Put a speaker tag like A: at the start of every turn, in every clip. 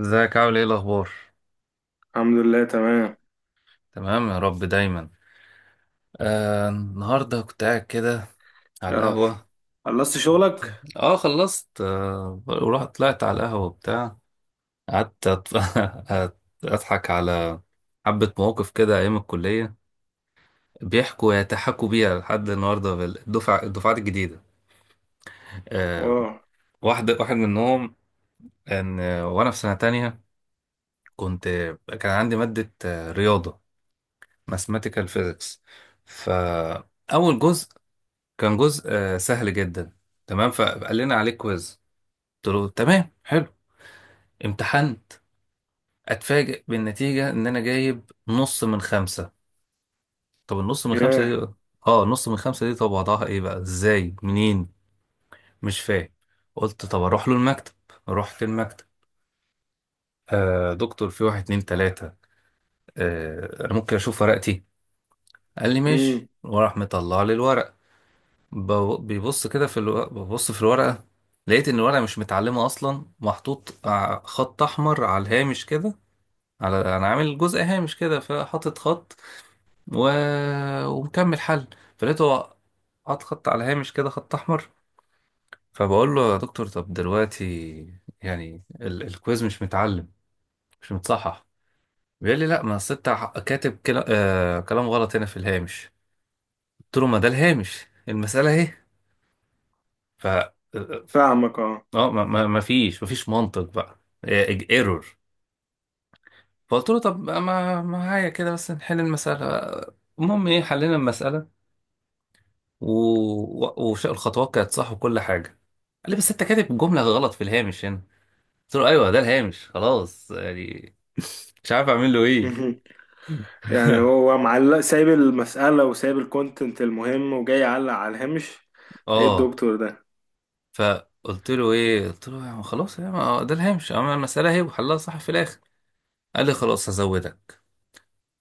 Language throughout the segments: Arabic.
A: ازيك، عامل ايه، الاخبار؟
B: الحمد لله تمام
A: تمام يا رب دايما. النهارده كنت قاعد كده على
B: يا رب.
A: القهوه.
B: خلصت شغلك؟
A: اه، خلصت، ورحت طلعت على القهوه وبتاع، قعدت، أت- اضحك على حبه مواقف كده ايام الكليه. يتحكوا بيها لحد النهارده الدفعات الجديده. آه
B: واو.
A: واحد منهم، وانا في سنه تانية كنت كان عندي ماده رياضه، ماثيماتيكال فيزيكس. ف اول جزء كان جزء سهل جدا. تمام، فقال لنا عليه كويز. قلت له تمام، حلو. امتحنت. اتفاجئ بالنتيجة ان انا جايب نص من خمسة. طب النص من خمسة
B: ياه.
A: دي، اه نص من خمسة دي، طب وضعها ايه بقى؟ ازاي؟ منين؟ مش فاهم. قلت طب اروح له المكتب. رحت المكتب. دكتور، في واحد، اتنين، تلاتة. انا ممكن اشوف ورقتي؟ قال لي ماشي،
B: امم.
A: وراح مطلع لي الورق. بيبص كده في ببص في الورقة. لقيت ان الورقة مش متعلمة اصلا، محطوط خط احمر على الهامش كده، على انا عامل جزء هامش كده فحاطط خط و... ومكمل حل. فلقيته هو حاط خط على هامش كده، خط احمر. فبقول له يا دكتور، طب دلوقتي يعني الكويز مش متعلم، مش متصحح. بيقول لي لا، ما أصل انت كاتب كلام غلط هنا في الهامش. قلت له ما ده الهامش، المسألة اهي. ف
B: فاهمك اه.
A: ما فيش منطق بقى. ايرور. فقلت له طب ما معايا كده بس نحل المسألة. المهم ايه، حلينا المسألة و... وش الخطوات كانت صح وكل حاجة. قال لي بس انت كاتب جملة غلط في الهامش هنا. قلت له ايوه، ده الهامش خلاص يعني، مش عارف اعمل له ايه.
B: مهم. يعني هو معلق، سايب المسألة وسايب الكونتنت المهم وجاي يعلق على الهامش. ايه
A: اه،
B: الدكتور ده؟
A: فقلت له ايه، قلت له يعني خلاص يعني ده الهامش، اما المسألة اهي وحلها صح في الاخر. قال لي خلاص هزودك.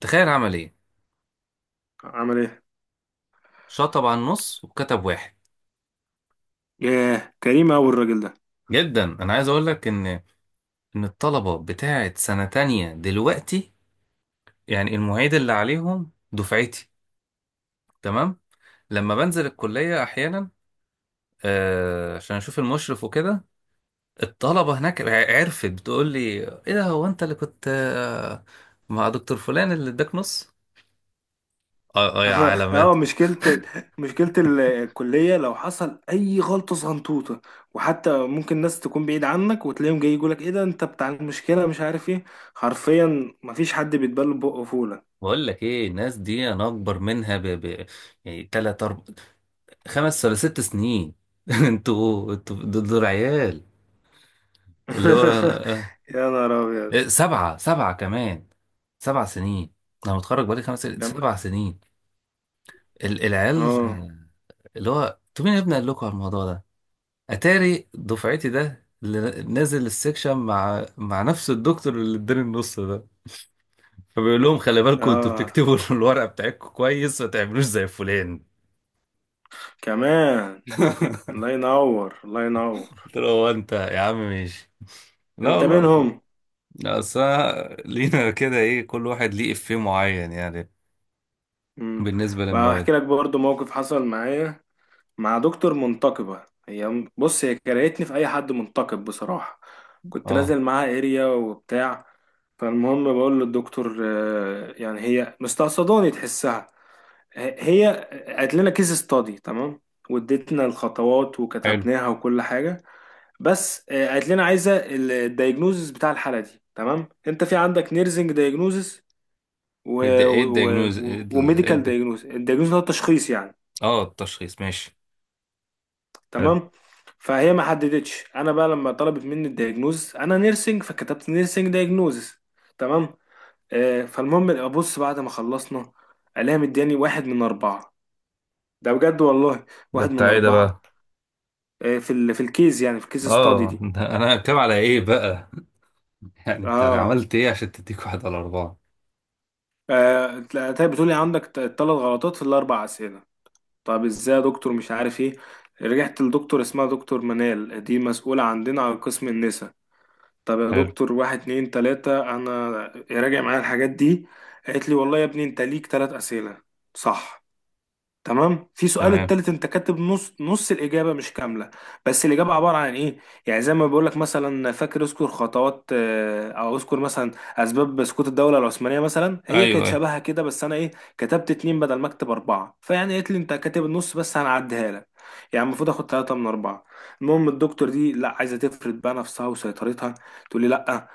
A: تخيل عمل ايه؟
B: عمل ايه؟
A: شطب على النص وكتب واحد.
B: ياه، كريم اوي الراجل ده.
A: جدا، انا عايز اقول لك ان الطلبه بتاعه سنه تانية دلوقتي، يعني المعيد اللي عليهم دفعتي. تمام. لما بنزل الكليه احيانا، عشان اشوف المشرف وكده، الطلبه هناك عرفت بتقول لي، ايه ده، هو انت اللي كنت مع دكتور فلان اللي اداك نص؟ اه، اه، يا علامات.
B: اه، مشكلة. مشكلة الكلية لو حصل أي غلطة صغنطوطة، وحتى ممكن ناس تكون بعيد عنك وتلاقيهم جاي يقولك ايه ده انت بتاع المشكلة مش عارف ايه. حرفيا مفيش حد بيتبل بقه فولة.
A: بقول لك ايه، الناس دي انا اكبر منها يعني تلات، اربع، 5 ولا 6 سنين. انتوا دول عيال. اللي هو
B: يا نهار ابيض.
A: إيه، سبعة سبعة كمان، 7 سنين. أنا متخرج بقالي 5 سنين،
B: كم؟
A: 7 سنين. العيال
B: اه
A: اللي هو، أنتوا مين يا ابني قال لكم على الموضوع ده؟ أتاري دفعتي ده اللي نازل السكشن مع نفس الدكتور اللي اداني النص ده. فبيقول لهم خلي بالكم انتوا
B: اه،
A: بتكتبوا الورقة بتاعتكم كويس، ما تعملوش زي فلان.
B: كمان. الله ينور، الله ينور.
A: قلت له هو انت يا عم ماشي؟ لا
B: انت
A: والله.
B: منهم؟
A: لا، اصل أنا لينا كده ايه، كل واحد ليه افيه معين يعني.
B: امم.
A: بالنسبة للمواد.
B: بحكي لك برضو موقف حصل معايا مع دكتور منتقبة. هي بص، هي كرهتني في اي حد منتقب بصراحة. كنت
A: اه،
B: نازل معاها اريا وبتاع. فالمهم بقول للدكتور يعني هي مستقصداني تحسها. هي قالت لنا كيس ستادي، تمام، واديتنا الخطوات
A: حلو.
B: وكتبناها وكل حاجة. بس قالت لنا عايزه الدايجنوزس بتاع الحاله دي. تمام، انت في عندك نيرزنج دايجنوزس
A: ده ايه الدياجنوز، ايه إيه
B: وميديكال
A: البت؟
B: دايجنوزس. الدايجنوزس هو التشخيص يعني.
A: اه، التشخيص ماشي. حلو.
B: تمام، فهي ما حددتش. انا بقى لما طلبت مني الدايجنوزس، انا نيرسنج فكتبت نيرسنج دايجنوزس. تمام. فالمهم ابص بعد ما خلصنا، الاقيها مدياني واحد من اربعه. ده بجد والله،
A: ده
B: واحد من
A: بتاع ايه ده
B: اربعه.
A: بقى؟
B: في ال في الكيس، يعني في الكيس ستادي
A: اه،
B: دي.
A: ده انا كام على ايه بقى؟ يعني انت
B: اه.
A: عملت ايه عشان تديك واحد على اربعة؟
B: تلاقي بتقولي عندك ثلاث غلطات في الاربع اسئله. طب ازاي يا دكتور؟ مش عارف ايه. رجعت لدكتور اسمها دكتور منال دي، مسؤوله عندنا على قسم النساء. طب يا
A: حلو.
B: دكتور، واحد اتنين تلاته، انا راجع معايا الحاجات دي. قالت لي والله يا ابني انت ليك ثلاث اسئله صح، تمام. في سؤال
A: تمام،
B: التالت انت كاتب نص، نص الاجابه مش كامله. بس الاجابه عباره عن ايه؟ يعني زي ما بقول لك، مثلا فاكر اذكر خطوات او اذكر مثلا اسباب سقوط الدوله العثمانيه مثلا، هي
A: ايوه،
B: كانت
A: ايوه.
B: شبهها كده، بس انا ايه، كتبت اتنين بدل ما اكتب اربعه. فيعني قالت لي انت كاتب النص بس هنعديها لك. يعني المفروض اخد ثلاثة من أربعة. المهم الدكتور دي لا، عايزة تفرد بقى نفسها وسيطرتها. تقول لي لا،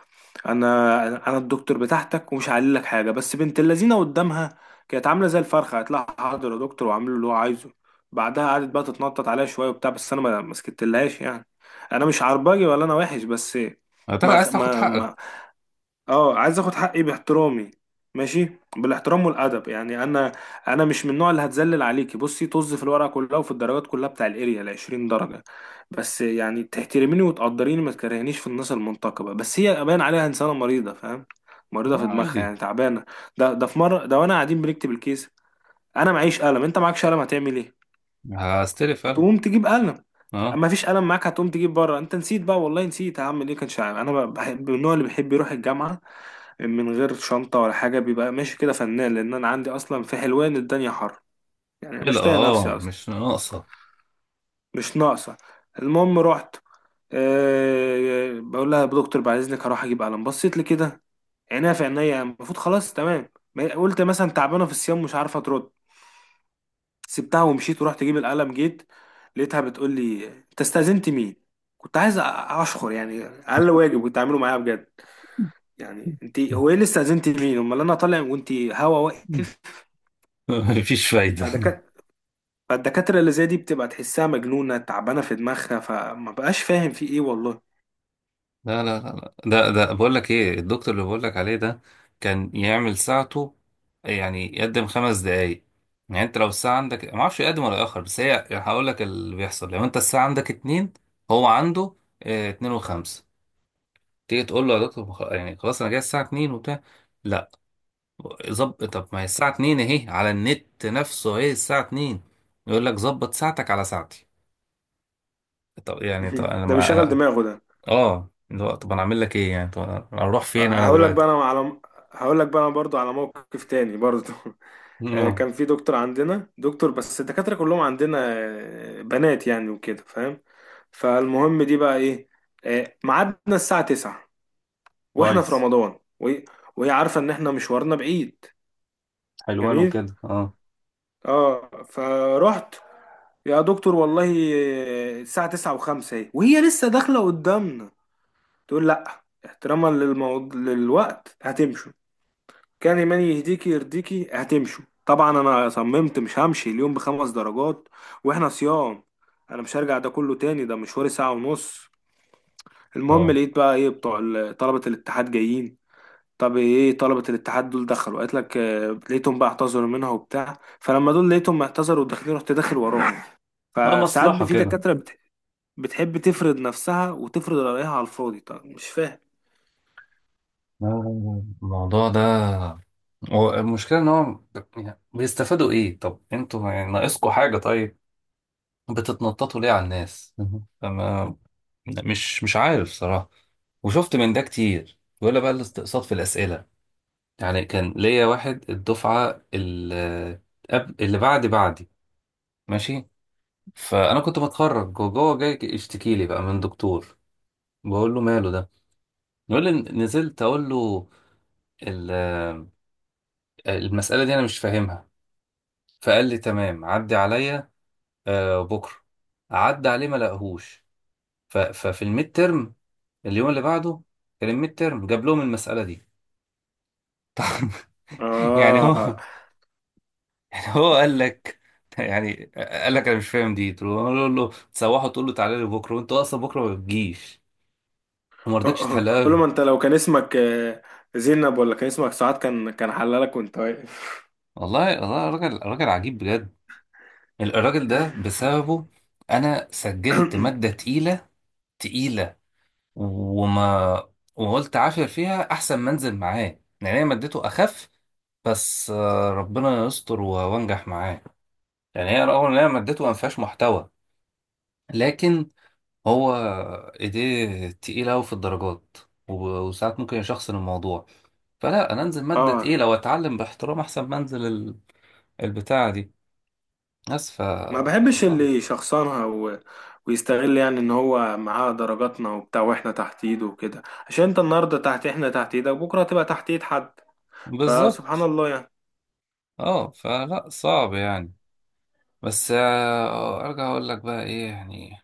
B: انا الدكتور بتاعتك ومش هعلي لك حاجه. بس بنت اللذينه قدامها كانت عامله زي الفرخه. هتلاقي حاضر يا دكتور، وعامله اللي هو عايزه. بعدها قعدت بقى تتنطط عليا شويه وبتاع، بس انا ما سكتلهاش يعني. انا مش عربجي ولا انا وحش، بس
A: عايز
B: ما
A: تاخد
B: ما
A: حقك.
B: ما اه، عايز اخد حقي باحترامي، ماشي، بالاحترام والادب يعني. انا مش من النوع اللي هتذلل عليكي. بصي طز في الورقه كلها وفي الدرجات كلها بتاع الاريا ال 20 درجه، بس يعني تحترميني وتقدريني، ما تكرهنيش في الناس المنتقبه. بس هي باين عليها انسانه مريضه، فاهم؟ مريضه
A: اه،
B: في دماغها
A: عادي.
B: يعني، تعبانه. ده في مره ده وانا قاعدين بنكتب الكيس، انا معيش قلم، انت معكش قلم، هتعمل ايه؟
A: هستلف فعلا.
B: هتقوم تجيب قلم.
A: اه،
B: ما فيش قلم معاك، هتقوم تجيب بره. انت نسيت بقى، والله نسيت، هعمل ايه؟ كانش عارف. انا بحب، من النوع اللي بيحب يروح الجامعه من غير شنطة ولا حاجة، بيبقى ماشي كده فنان، لأن أنا عندي أصلا في حلوان الدنيا حر، يعني مش
A: خلقة،
B: طايق نفسي
A: اه،
B: أصلا.
A: مش ناقصة.
B: مش ناقصة. المهم رحت، أه بقول لها يا دكتور بعد إذنك هروح أجيب قلم. بصيت لي كده، عينيها في عينيا، المفروض خلاص تمام. قلت مثلا تعبانة في الصيام، مش عارفة ترد. سبتها ومشيت ورحت أجيب القلم. جيت لقيتها بتقول لي أنت استأذنت مين؟ كنت عايز أشخر، يعني أقل واجب كنت أعمله معاها بجد. يعني أنت هو إيه اللي استأذنت مين؟ أمال أنا طالع، وأنت هوا واقف.
A: مفيش فايدة.
B: فده كان. فالدكاترة اللي زي دي بتبقى تحسها مجنونة، تعبانة في دماغها، فما بقاش فاهم في ايه والله.
A: لا، لا، لا، لا. ده بقول لك ايه، الدكتور اللي بقول لك عليه ده كان يعمل ساعته، يعني يقدم 5 دقايق. يعني انت لو الساعة عندك ما اعرفش يقدم ولا يأخر، بس هي هقول لك اللي بيحصل، لو انت الساعة عندك اتنين، هو عنده اه اتنين وخمسة. تيجي تقول له يا دكتور يعني خلاص، انا جاي الساعة اتنين وبتاع. لا، ظبط، طب ما هي الساعة اتنين اهي، على النت نفسه اهي الساعة اتنين. يقول لك ظبط ساعتك على ساعتي. طب يعني، طب انا،
B: ده
A: ما
B: بيشغل
A: انا.
B: دماغه ده.
A: اه، اللي هو طب انا اعمل لك ايه يعني، طب انا اروح فين انا
B: هقول لك بقى
A: دلوقتي.
B: انا على، هقول لك بقى انا برضو على موقف تاني برضو.
A: اه،
B: كان في دكتور عندنا، دكتور، بس الدكاترة كلهم عندنا بنات يعني وكده، فاهم؟ فالمهم دي بقى ايه، ميعادنا الساعة 9، واحنا في
A: كويس.
B: رمضان، وهي عارفة ان احنا مشوارنا بعيد.
A: حلوان
B: جميل.
A: وكده، اه.
B: اه، فرحت يا دكتور والله. الساعة تسعة وخمسة اهي، وهي لسه داخلة قدامنا. تقول لأ، احتراما للوقت هتمشوا. كان إيماني يهديكي يرضيكي هتمشوا. طبعا أنا صممت مش همشي اليوم بخمس درجات وإحنا صيام. أنا مش هرجع ده كله تاني، ده مشواري ساعة ونص. المهم
A: اه،
B: لقيت بقى إيه، بتوع طلبة الاتحاد جايين. طب ايه طلبة الاتحاد دول دخلوا قالت لك؟ لقيتهم بقى اعتذروا منها وبتاع، فلما دول لقيتهم اعتذروا وداخلين، رحت داخل وراهم.
A: اه،
B: فساعات
A: مصلحة
B: في
A: كده.
B: دكاترة بتحب تفرض نفسها وتفرض رأيها على الفاضي، طب مش فاهم.
A: الموضوع ده، هو المشكلة ان هو يعني بيستفادوا ايه؟ طب انتوا يعني ناقصكوا حاجة؟ طيب، بتتنططوا ليه على الناس؟ فما مش عارف صراحة. وشفت من ده كتير، ولا بقى الاستقصاد في الأسئلة. يعني كان ليا واحد الدفعة اللي قبل، اللي بعد بعدي، ماشي. فأنا كنت بتخرج وجوه جاي يشتكي لي بقى من دكتور. بقول له ماله ده؟ بيقول لي نزلت اقول له ال- المسألة دي انا مش فاهمها، فقال لي تمام، عدي عليا بكرة. عدى عليه ما لقاهوش. ففي الميد ترم، اليوم اللي بعده كان الميد ترم، جاب لهم المسألة دي. يعني
B: اه.
A: هو يعني هو قال لك انا مش فاهم دي، تقول له تسوحه تقول له تعالى لي بكره، وانت اصلا بكره ما بتجيش، وما رضيتش تحلها
B: قول له
A: له.
B: ما انت لو كان اسمك زينب، ولا كان اسمك سعاد، كان حلالك وانت واقف.
A: والله، والله راجل راجل عجيب بجد. الراجل ده بسببه انا سجلت مادة تقيلة، تقيلة. وما وقلت عافر فيها أحسن ما أنزل معاه. يعني هي مادته أخف. بس ربنا يستر وأنجح معاه. يعني هي رغم إن هي مادته ما فيهاش محتوى، لكن هو إيديه تقيلة أوي في الدرجات وساعات ممكن يشخصن الموضوع. فلا، أنا أنزل مادة
B: اه،
A: تقيلة وأتعلم باحترام أحسن ما أنزل البتاعة دي. بس ف
B: ما بحبش
A: صعب.
B: اللي يشخصنها ويستغل، يعني ان هو معاه درجاتنا وبتاع واحنا تحت ايده وكده. عشان انت النهارده تحت، احنا تحت ايدك، وبكره هتبقى تحت ايد حد. فسبحان
A: بالظبط.
B: الله يعني.
A: اه، فلا صعب يعني. بس ارجع اقول لك بقى ايه يعني،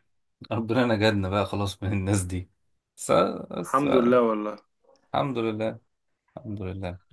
A: ربنا نجدنا بقى خلاص من الناس دي. بس، بس
B: الحمد لله
A: بقى.
B: والله.
A: الحمد لله. الحمد لله.